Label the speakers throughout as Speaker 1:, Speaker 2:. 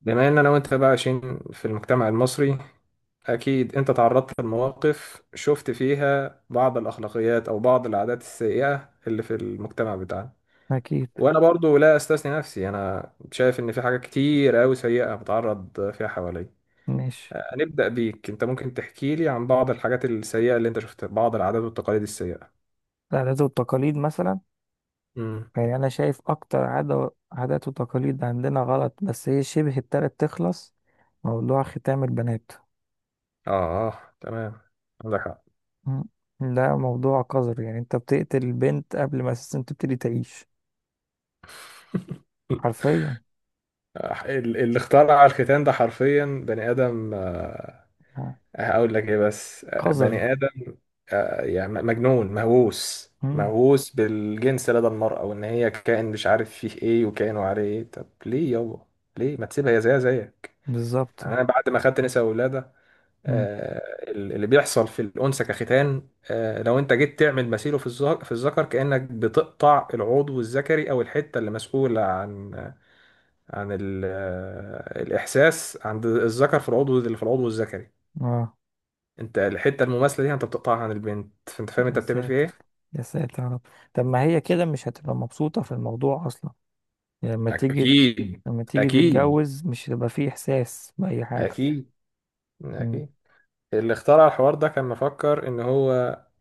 Speaker 1: بما ان انا وانت بقى عايشين في المجتمع المصري. اكيد انت تعرضت لمواقف شفت فيها بعض الاخلاقيات او بعض العادات السيئة اللي في المجتمع بتاعنا.
Speaker 2: أكيد.
Speaker 1: وانا برضو لا استثني نفسي، انا شايف ان في حاجات كتير قوي سيئة بتعرض فيها حواليا.
Speaker 2: ماشي.
Speaker 1: هنبدأ بيك انت، ممكن تحكي لي عن بعض الحاجات السيئة اللي انت شفتها، بعض العادات والتقاليد السيئة؟
Speaker 2: العادات والتقاليد مثلا؟
Speaker 1: امم
Speaker 2: يعني أنا شايف أكتر عادة، عادات وتقاليد عندنا غلط، بس هي شبه ابتدت تخلص. موضوع ختام البنات.
Speaker 1: اه. آه، تمام. عندك حق.
Speaker 2: مم. ده موضوع قذر، يعني أنت بتقتل البنت قبل ما أساسا تبتدي تعيش حرفيا.
Speaker 1: اللي اخترع الختان ده حرفيا بني آدم.
Speaker 2: آه.
Speaker 1: هقول لك ايه بس،
Speaker 2: قذر.
Speaker 1: بني ادم. يعني مجنون، مهووس
Speaker 2: مم.
Speaker 1: مهووس بالجنس لدى المرأة، وان هي كائن مش عارف فيه ايه، وكائن وعليه ايه. طب ليه يابا؟ ليه ما تسيبها هي زيها زيك؟
Speaker 2: بالظبط.
Speaker 1: يعني انا بعد ما خدت نساء وولادة،
Speaker 2: مم.
Speaker 1: اللي بيحصل في الانثى كختان، لو انت جيت تعمل مثيله في الذكر، كأنك بتقطع العضو الذكري، او الحتة اللي مسؤولة عن عن الاحساس عند الذكر في العضو الذكري.
Speaker 2: آه.
Speaker 1: انت الحته المماثله دي، يعني انت بتقطعها عن البنت، فانت فاهم
Speaker 2: يا
Speaker 1: انت بتعمل فيها
Speaker 2: ساتر.
Speaker 1: ايه.
Speaker 2: يا ساتر يا رب. طب ما هي كده مش هتبقى مبسوطة في الموضوع أصلا؟ يعني لما تيجي
Speaker 1: اكيد.
Speaker 2: لما تيجي
Speaker 1: اكيد.
Speaker 2: تتجوز مش هيبقى فيه إحساس بأي حاجة.
Speaker 1: أكيد. أكيد. اللي اخترع الحوار ده كان مفكر إن هو،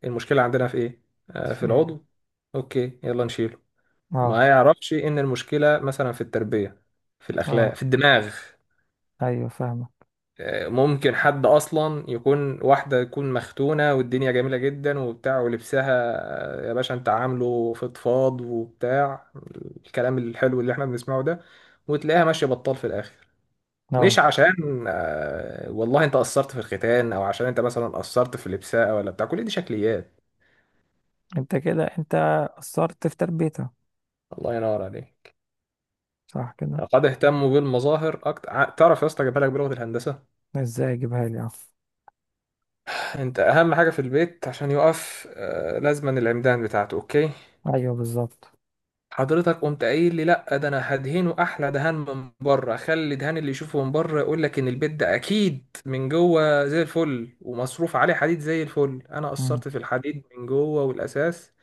Speaker 1: المشكلة عندنا في إيه؟ في
Speaker 2: فاهم.
Speaker 1: العضو. أوكي يلا نشيله.
Speaker 2: اه.
Speaker 1: ما يعرفش إن المشكلة مثلا في التربية، في الأخلاق،
Speaker 2: اه.
Speaker 1: في الدماغ.
Speaker 2: ايوه فاهمة.
Speaker 1: ممكن حد اصلا يكون، واحده تكون مختونه والدنيا جميله جدا وبتاع ولبسها، يا باشا انت عامله فضفاض وبتاع، الكلام الحلو اللي احنا بنسمعه ده، وتلاقيها ماشيه بطال في الاخر. مش
Speaker 2: اه.
Speaker 1: عشان والله انت قصرت في الختان، او عشان انت مثلا قصرت في لبسها ولا بتاع، كل دي شكليات.
Speaker 2: انت قصرت في تربيتها.
Speaker 1: الله ينور عليك.
Speaker 2: صح كده.
Speaker 1: قد اهتموا بالمظاهر اكتر. تعرف يا اسطى، جايبها لك بلغه الهندسه.
Speaker 2: ازاي اجيبها لي؟ اه.
Speaker 1: انت اهم حاجه في البيت عشان يقف، لازما العمدان بتاعته، اوكي.
Speaker 2: ايوه بالظبط.
Speaker 1: حضرتك قمت قايل لي، لا ده انا هدهنه احلى دهان من بره، خلي دهان اللي يشوفه من بره يقول لك ان البيت ده اكيد من جوه زي الفل، ومصروف عليه حديد زي الفل. انا
Speaker 2: مم.
Speaker 1: قصرت في الحديد من جوه والاساس،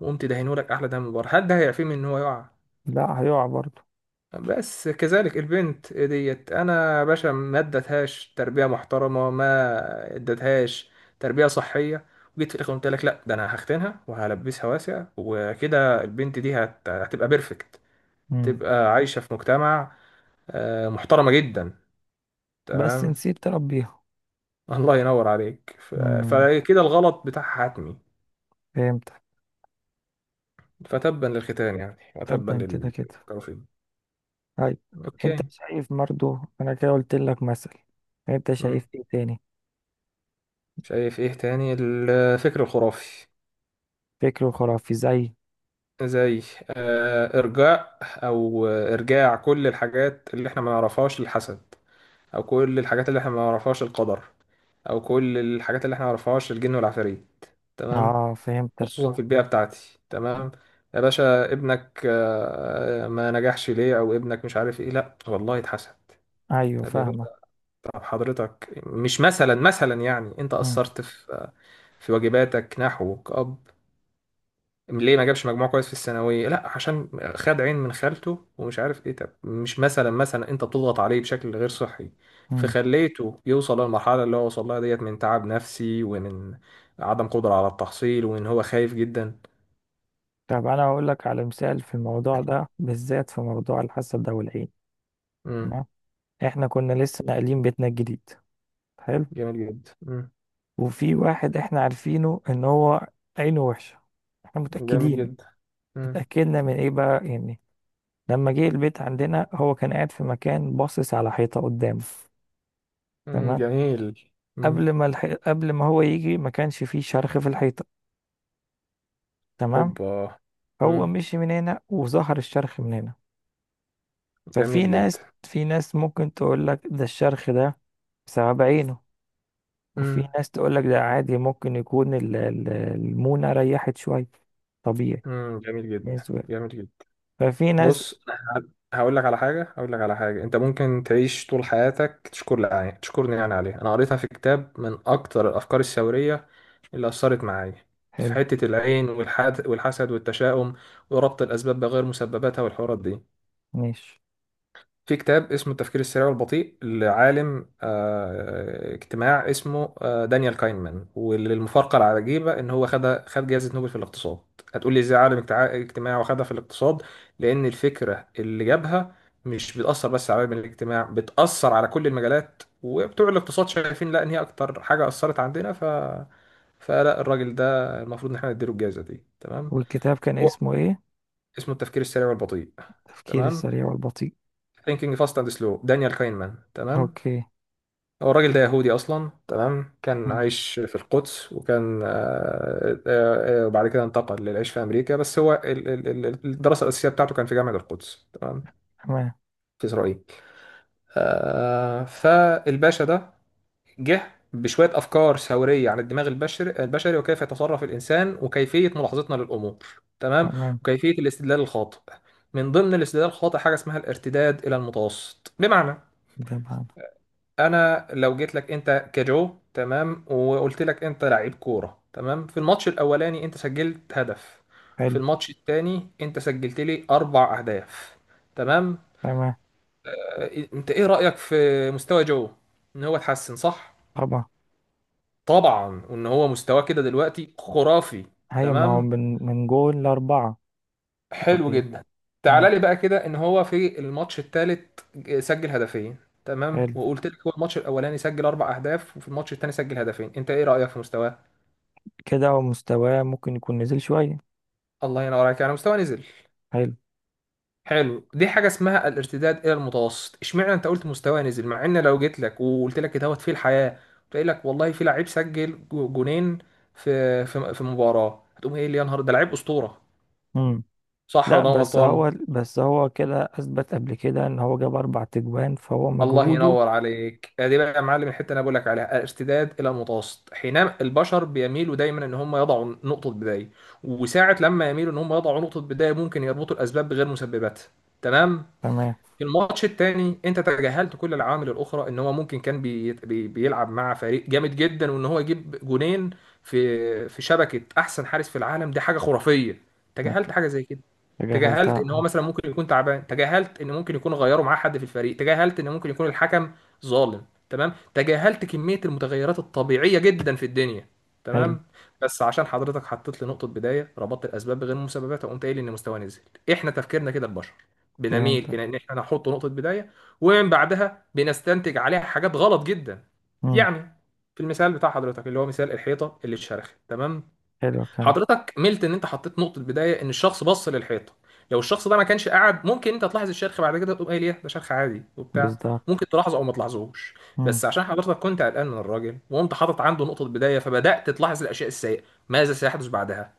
Speaker 1: وقمت دهنه لك احلى دهان من بره، هل ده هيعفيه من ان هو يقع؟
Speaker 2: لا هيقع برضو.
Speaker 1: بس كذلك البنت ديت، انا يا باشا ما ادتهاش تربيه محترمه، ما ادتهاش تربيه صحيه، وجيت في الاخر قلت لك لا ده انا هختنها وهلبسها واسع، وكده البنت دي هتبقى بيرفكت،
Speaker 2: مم.
Speaker 1: تبقى عايشة في مجتمع محترمة جدا.
Speaker 2: بس
Speaker 1: تمام.
Speaker 2: نسيت تربيها.
Speaker 1: الله ينور عليك.
Speaker 2: مم.
Speaker 1: فكده الغلط بتاعها حتمي.
Speaker 2: فهمتك.
Speaker 1: فتبا للختان يعني، وتبا
Speaker 2: طبعا كده كده.
Speaker 1: للكافرين.
Speaker 2: طيب. انت
Speaker 1: اوكي.
Speaker 2: شايف برضو، انا كده قلت لك مثل، انت شايف
Speaker 1: مم.
Speaker 2: ايه تاني؟
Speaker 1: شايف ايه تاني؟ الفكر الخرافي.
Speaker 2: فكر خرافي زي.
Speaker 1: زي ارجاء، او ارجاع كل الحاجات اللي احنا ما نعرفهاش للحسد، او كل الحاجات اللي احنا ما نعرفهاش القدر، او كل الحاجات اللي احنا ما نعرفهاش الجن والعفاريت. تمام.
Speaker 2: اه فهمتك.
Speaker 1: خصوصا في البيئة بتاعتي. تمام. يا باشا ابنك ما نجحش ليه؟ او ابنك مش عارف ايه. لا والله اتحسد.
Speaker 2: ايوه
Speaker 1: طب يا باشا،
Speaker 2: فاهمة.
Speaker 1: طب حضرتك مش مثلا، يعني انت
Speaker 2: مم.
Speaker 1: قصرت في واجباتك نحوه كأب. ليه ما جابش مجموع كويس في الثانوية؟ لا، عشان خد عين من خالته ومش عارف ايه. طب مش مثلا، انت بتضغط عليه بشكل غير صحي،
Speaker 2: مم.
Speaker 1: فخليته يوصل للمرحلة اللي هو وصل لها ديت، من تعب نفسي، ومن عدم قدرة على التحصيل، وان هو خايف جدا.
Speaker 2: طب انا هقول لك على مثال في الموضوع ده بالذات، في موضوع الحسد ده والعين. تمام. احنا كنا لسه ناقلين بيتنا الجديد. حلو.
Speaker 1: جميل جدا. مم.
Speaker 2: وفي واحد احنا عارفينه ان هو عينه وحشه، احنا
Speaker 1: جميل
Speaker 2: متاكدين.
Speaker 1: جدا. مم.
Speaker 2: اتاكدنا من ايه بقى يعني؟ لما جه البيت عندنا هو كان قاعد في مكان باصص على حيطه قدامه.
Speaker 1: مم.
Speaker 2: تمام.
Speaker 1: جميل. مم.
Speaker 2: قبل ما هو يجي ما كانش فيه شرخ في الحيطه. تمام.
Speaker 1: اوبا. مم.
Speaker 2: هو مشي من هنا وظهر الشرخ من هنا. ففي
Speaker 1: جميل جدا.
Speaker 2: ناس، في ناس ممكن تقول لك ده، الشرخ ده بسبب عينه. وفي
Speaker 1: مم.
Speaker 2: ناس تقول لك ده عادي، ممكن يكون المونة ريحت شوية، طبيعي.
Speaker 1: مم. جميل جدا،
Speaker 2: بالنسبة،
Speaker 1: جميل جدا.
Speaker 2: ففي ناس.
Speaker 1: بص، أنا هقول لك على حاجة، هقول لك على حاجة انت ممكن تعيش طول حياتك تشكر لي عليها، تشكرني يعني عليها. انا قريتها في كتاب من اكتر الافكار الثورية اللي اثرت معايا في
Speaker 2: حلو.
Speaker 1: حتة العين والحد والحسد والتشاؤم وربط الاسباب بغير مسبباتها والحوارات دي.
Speaker 2: ماشي.
Speaker 1: في كتاب اسمه التفكير السريع والبطيء، لعالم اجتماع اسمه دانيال كاينمان. وللمفارقة العجيبة، ان هو خد جائزة نوبل في الاقتصاد. هتقول لي ازاي عالم اجتماع واخدها في الاقتصاد؟ لان الفكرة اللي جابها مش بتأثر بس على علم الاجتماع، بتأثر على كل المجالات، وبتوع الاقتصاد شايفين لا ان هي اكتر حاجة أثرت عندنا. فلا الراجل ده المفروض ان احنا نديله الجائزة دي. تمام.
Speaker 2: والكتاب كان
Speaker 1: و-
Speaker 2: اسمه ايه؟
Speaker 1: اسمه التفكير السريع والبطيء.
Speaker 2: التفكير
Speaker 1: تمام.
Speaker 2: السريع والبطيء.
Speaker 1: ثينكينج فاست اند سلو. دانيال كاينمان. تمام.
Speaker 2: اوكي.
Speaker 1: هو الراجل ده يهودي اصلا، تمام، كان
Speaker 2: مم.
Speaker 1: عايش في القدس، وكان وبعد كده انتقل للعيش في امريكا. بس هو الدراسه الاساسيه بتاعته كان في جامعه القدس. تمام.
Speaker 2: تمام.
Speaker 1: في اسرائيل. فالباشا ده جه بشويه افكار ثوريه عن الدماغ البشري وكيف يتصرف الانسان وكيفيه ملاحظتنا للامور. تمام.
Speaker 2: تمام.
Speaker 1: وكيفيه الاستدلال الخاطئ. من ضمن الاستدلال الخاطئ حاجه اسمها الارتداد الى المتوسط. بمعنى،
Speaker 2: تمام.
Speaker 1: انا لو جيت لك انت كجو، تمام، وقلت لك انت لعيب كوره، تمام، في الماتش الاولاني انت سجلت هدف، في
Speaker 2: حلو.
Speaker 1: الماتش التاني انت سجلت لي اربع اهداف، تمام.
Speaker 2: تمام.
Speaker 1: انت ايه رايك في مستوى جو؟ ان هو اتحسن، صح؟
Speaker 2: طبعا.
Speaker 1: طبعا. وان هو مستواه كده دلوقتي خرافي.
Speaker 2: هي ما هو
Speaker 1: تمام.
Speaker 2: من جول لأربعة.
Speaker 1: حلو
Speaker 2: طبيعي.
Speaker 1: جدا.
Speaker 2: مم.
Speaker 1: تعال لي بقى كده، ان هو في الماتش التالت سجل هدفين، تمام.
Speaker 2: حلو،
Speaker 1: وقلت لك هو الماتش الاولاني سجل اربع اهداف وفي الماتش التاني سجل هدفين، انت ايه رايك في مستواه؟
Speaker 2: كده هو مستواه ممكن يكون نزل شوية.
Speaker 1: الله ينور عليك، يعني مستوى نزل.
Speaker 2: حلو.
Speaker 1: حلو، دي حاجه اسمها الارتداد الى المتوسط. اشمعنى انت قلت مستوى نزل؟ مع ان لو جيت لك وقلت لك دوت في الحياه، قلت لك والله في لعيب سجل جونين في مباراه، هتقوم ايه؟ اللي يا نهار ده لعيب اسطوره،
Speaker 2: مم.
Speaker 1: صح
Speaker 2: لا،
Speaker 1: ولا انا
Speaker 2: بس
Speaker 1: غلطان؟
Speaker 2: هو بس هو كده اثبت قبل كده ان هو جاب 4 تجوان، فهو
Speaker 1: الله
Speaker 2: مجهوده.
Speaker 1: ينور عليك، دي بقى يا معلم الحته اللي انا بقول لك عليها، الارتداد الى المتوسط، حينما البشر بيميلوا دايما ان هم يضعوا نقطه بدايه، وساعه لما يميلوا ان هم يضعوا نقطه بدايه ممكن يربطوا الاسباب بغير مسببات. تمام.
Speaker 2: تمام.
Speaker 1: في الماتش التاني انت تجاهلت كل العوامل الاخرى، ان هو ممكن كان بي بي بيلعب مع فريق جامد جدا، وان هو يجيب جونين في في شبكه احسن حارس في العالم، دي حاجه خرافيه. تجاهلت حاجه زي كده.
Speaker 2: تجاهلتها،
Speaker 1: تجاهلت ان هو
Speaker 2: اه.
Speaker 1: مثلا ممكن يكون تعبان، تجاهلت ان ممكن يكون غيروا معاه حد في الفريق، تجاهلت ان ممكن يكون الحكم ظالم، تمام، تجاهلت كميه المتغيرات الطبيعيه جدا في الدنيا.
Speaker 2: حلو.
Speaker 1: تمام. بس عشان حضرتك حطيت لي نقطه بدايه، ربطت الاسباب بغير المسببات وقمت قايل ان مستواه نزل. احنا تفكيرنا كده البشر، بنميل
Speaker 2: فهمتك.
Speaker 1: الى ان احنا نحط نقطه بدايه، ومن بعدها بنستنتج عليها حاجات غلط جدا.
Speaker 2: امم
Speaker 1: يعني في المثال بتاع حضرتك اللي هو مثال الحيطه اللي اتشرخت، تمام،
Speaker 2: حلو كده.
Speaker 1: حضرتك ملت ان انت حطيت نقطه بدايه ان الشخص بص للحيطه. لو الشخص ده ما كانش قاعد، ممكن انت تلاحظ الشرخ بعد كده تقوم قايل ايه ده، شرخ عادي وبتاع،
Speaker 2: بالظبط.
Speaker 1: ممكن تلاحظه او ما تلاحظهوش.
Speaker 2: امم
Speaker 1: بس عشان حضرتك كنت قلقان من الراجل وقمت حاطط عنده نقطه بدايه، فبدات تلاحظ الاشياء السيئه. ماذا سيحدث بعدها؟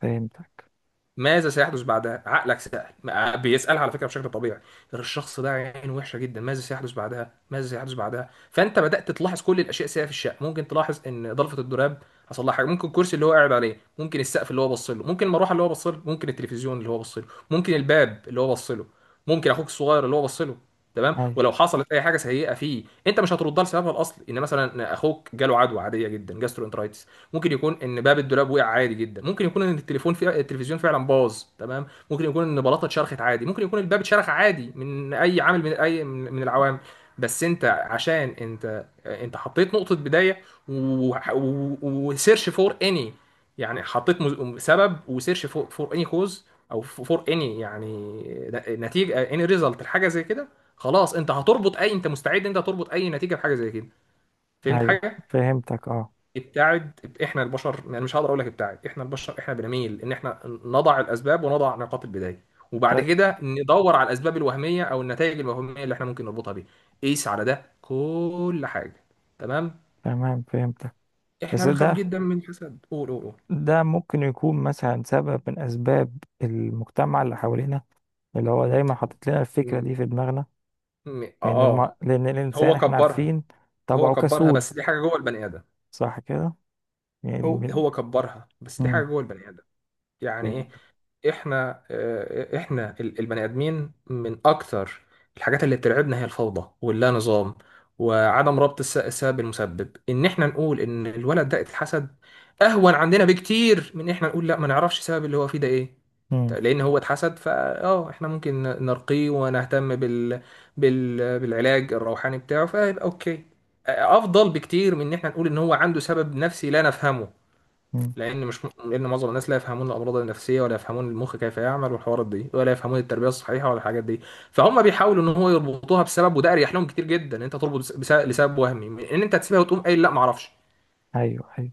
Speaker 2: فهمتك.
Speaker 1: ماذا سيحدث بعدها؟ عقلك سأل، بيسألها على فكرة بشكل طبيعي. الشخص ده عين وحشة جدا، ماذا سيحدث بعدها؟ ماذا سيحدث بعدها؟ فأنت بدأت تلاحظ كل الأشياء السيئة في الشقة. ممكن تلاحظ إن ضلفة الدولاب حصل لها حاجة، ممكن الكرسي اللي هو قاعد عليه، ممكن السقف اللي هو بص له، ممكن المروحة اللي هو بص له، ممكن التلفزيون اللي هو بص له، ممكن الباب اللي هو بص له، ممكن أخوك الصغير اللي هو بص له. تمام.
Speaker 2: ايوه،
Speaker 1: ولو حصلت اي حاجه سيئه فيه، انت مش هتردها لسببها الاصلي، ان مثلا اخوك جاله عدوى عاديه جدا، جاسترو. ممكن يكون ان باب الدولاب وقع عادي جدا، ممكن يكون ان التليفون في التلفزيون فعلا باظ، تمام، ممكن يكون ان بلاطه اتشرخت عادي، ممكن يكون الباب اتشرخ عادي من اي عامل، من اي من من العوامل. بس انت عشان انت حطيت نقطه بدايه، وسيرش فور اني، يعني حطيت سبب وسيرش فور اني كوز، او فور اني يعني نتيجه، اني ريزلت الحاجه زي كده. خلاص انت هتربط اي، انت مستعد انت هتربط اي نتيجه بحاجه زي كده. فهمت
Speaker 2: ايوه
Speaker 1: حاجه؟
Speaker 2: فهمتك، اه.
Speaker 1: ابتعد احنا البشر، يعني مش هقدر اقول لك ابتعد، احنا البشر احنا بنميل ان احنا نضع الاسباب ونضع نقاط البدايه، وبعد
Speaker 2: ت-
Speaker 1: كده ندور على الاسباب الوهميه او النتائج الوهميه اللي احنا ممكن نربطها بيها. قيس على ده كل حاجه. تمام.
Speaker 2: تمام فهمتك.
Speaker 1: احنا
Speaker 2: بس
Speaker 1: بنخاف
Speaker 2: ده
Speaker 1: جدا من الحسد. قول قول قول.
Speaker 2: ده ممكن يكون مثلا سبب من اسباب المجتمع اللي حوالينا، اللي هو دايما حاطط لنا الفكرة
Speaker 1: م-
Speaker 2: دي في دماغنا.
Speaker 1: اه
Speaker 2: لان ما
Speaker 1: آه.
Speaker 2: لان الانسان
Speaker 1: هو
Speaker 2: احنا
Speaker 1: كبرها.
Speaker 2: عارفين
Speaker 1: هو
Speaker 2: طبعه
Speaker 1: كبرها
Speaker 2: كسول.
Speaker 1: بس دي حاجه جوه البني ادم.
Speaker 2: صح كده. يعني
Speaker 1: هو
Speaker 2: من.
Speaker 1: هو كبرها بس دي حاجه
Speaker 2: مم.
Speaker 1: جوه البني ادم. يعني ايه؟
Speaker 2: فهمت.
Speaker 1: احنا احنا البني ادمين، من اكتر الحاجات اللي بترعبنا هي الفوضى واللا نظام، وعدم ربط السبب بالمسبب. ان احنا نقول ان الولد ده اتحسد اهون عندنا بكتير من ان احنا نقول لا ما نعرفش السبب اللي هو فيه ده ايه.
Speaker 2: مم.
Speaker 1: لان هو اتحسد، فا اه احنا ممكن نرقيه ونهتم بالعلاج الروحاني بتاعه، فيبقى اوكي. افضل بكتير من ان احنا نقول ان هو عنده سبب نفسي لا نفهمه.
Speaker 2: مم.
Speaker 1: لان مش، لان معظم الناس لا يفهمون الامراض النفسيه، ولا يفهمون المخ كيف يعمل والحوارات دي، ولا يفهمون التربيه الصحيحه ولا الحاجات دي. فهم بيحاولوا ان هو يربطوها بسبب، وده اريح لهم كتير جدا ان انت تربط لسبب وهمي، من ان انت تسيبها وتقوم قايل لا ما اعرفش.
Speaker 2: ايوه، ايوه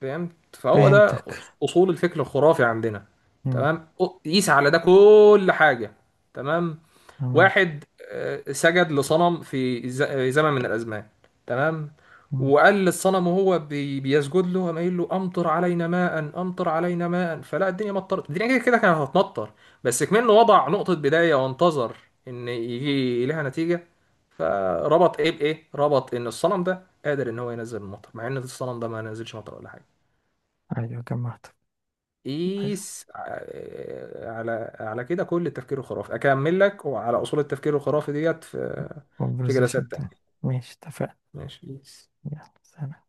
Speaker 1: فهمت؟ فهو ده
Speaker 2: فهمتك.
Speaker 1: اصول الفكر الخرافي عندنا.
Speaker 2: مم.
Speaker 1: تمام. قيس على ده كل حاجه. تمام.
Speaker 2: تمام.
Speaker 1: واحد سجد لصنم في زمن من الأزمان، تمام،
Speaker 2: مم.
Speaker 1: وقال للصنم وهو بيسجد له، قام قايل له أمطر علينا ماء، أمطر علينا ماء. فلا الدنيا مطرت، الدنيا كده كده كانت هتمطر، بس كمان وضع نقطة بداية وانتظر إن يجي لها نتيجة، فربط إيه بإيه؟ ربط إن الصنم ده قادر إن هو ينزل المطر، مع إن الصنم ده ما نزلش مطر ولا حاجة.
Speaker 2: ايوه جمعت. حلو.
Speaker 1: قيس على كده كل التفكير الخرافي اكمل لك، وعلى اصول التفكير الخرافي ديت في جلسات
Speaker 2: conversation تاني.
Speaker 1: تانية.
Speaker 2: ماشي، اتفقنا.
Speaker 1: ماشي قيس.
Speaker 2: يلا سلام.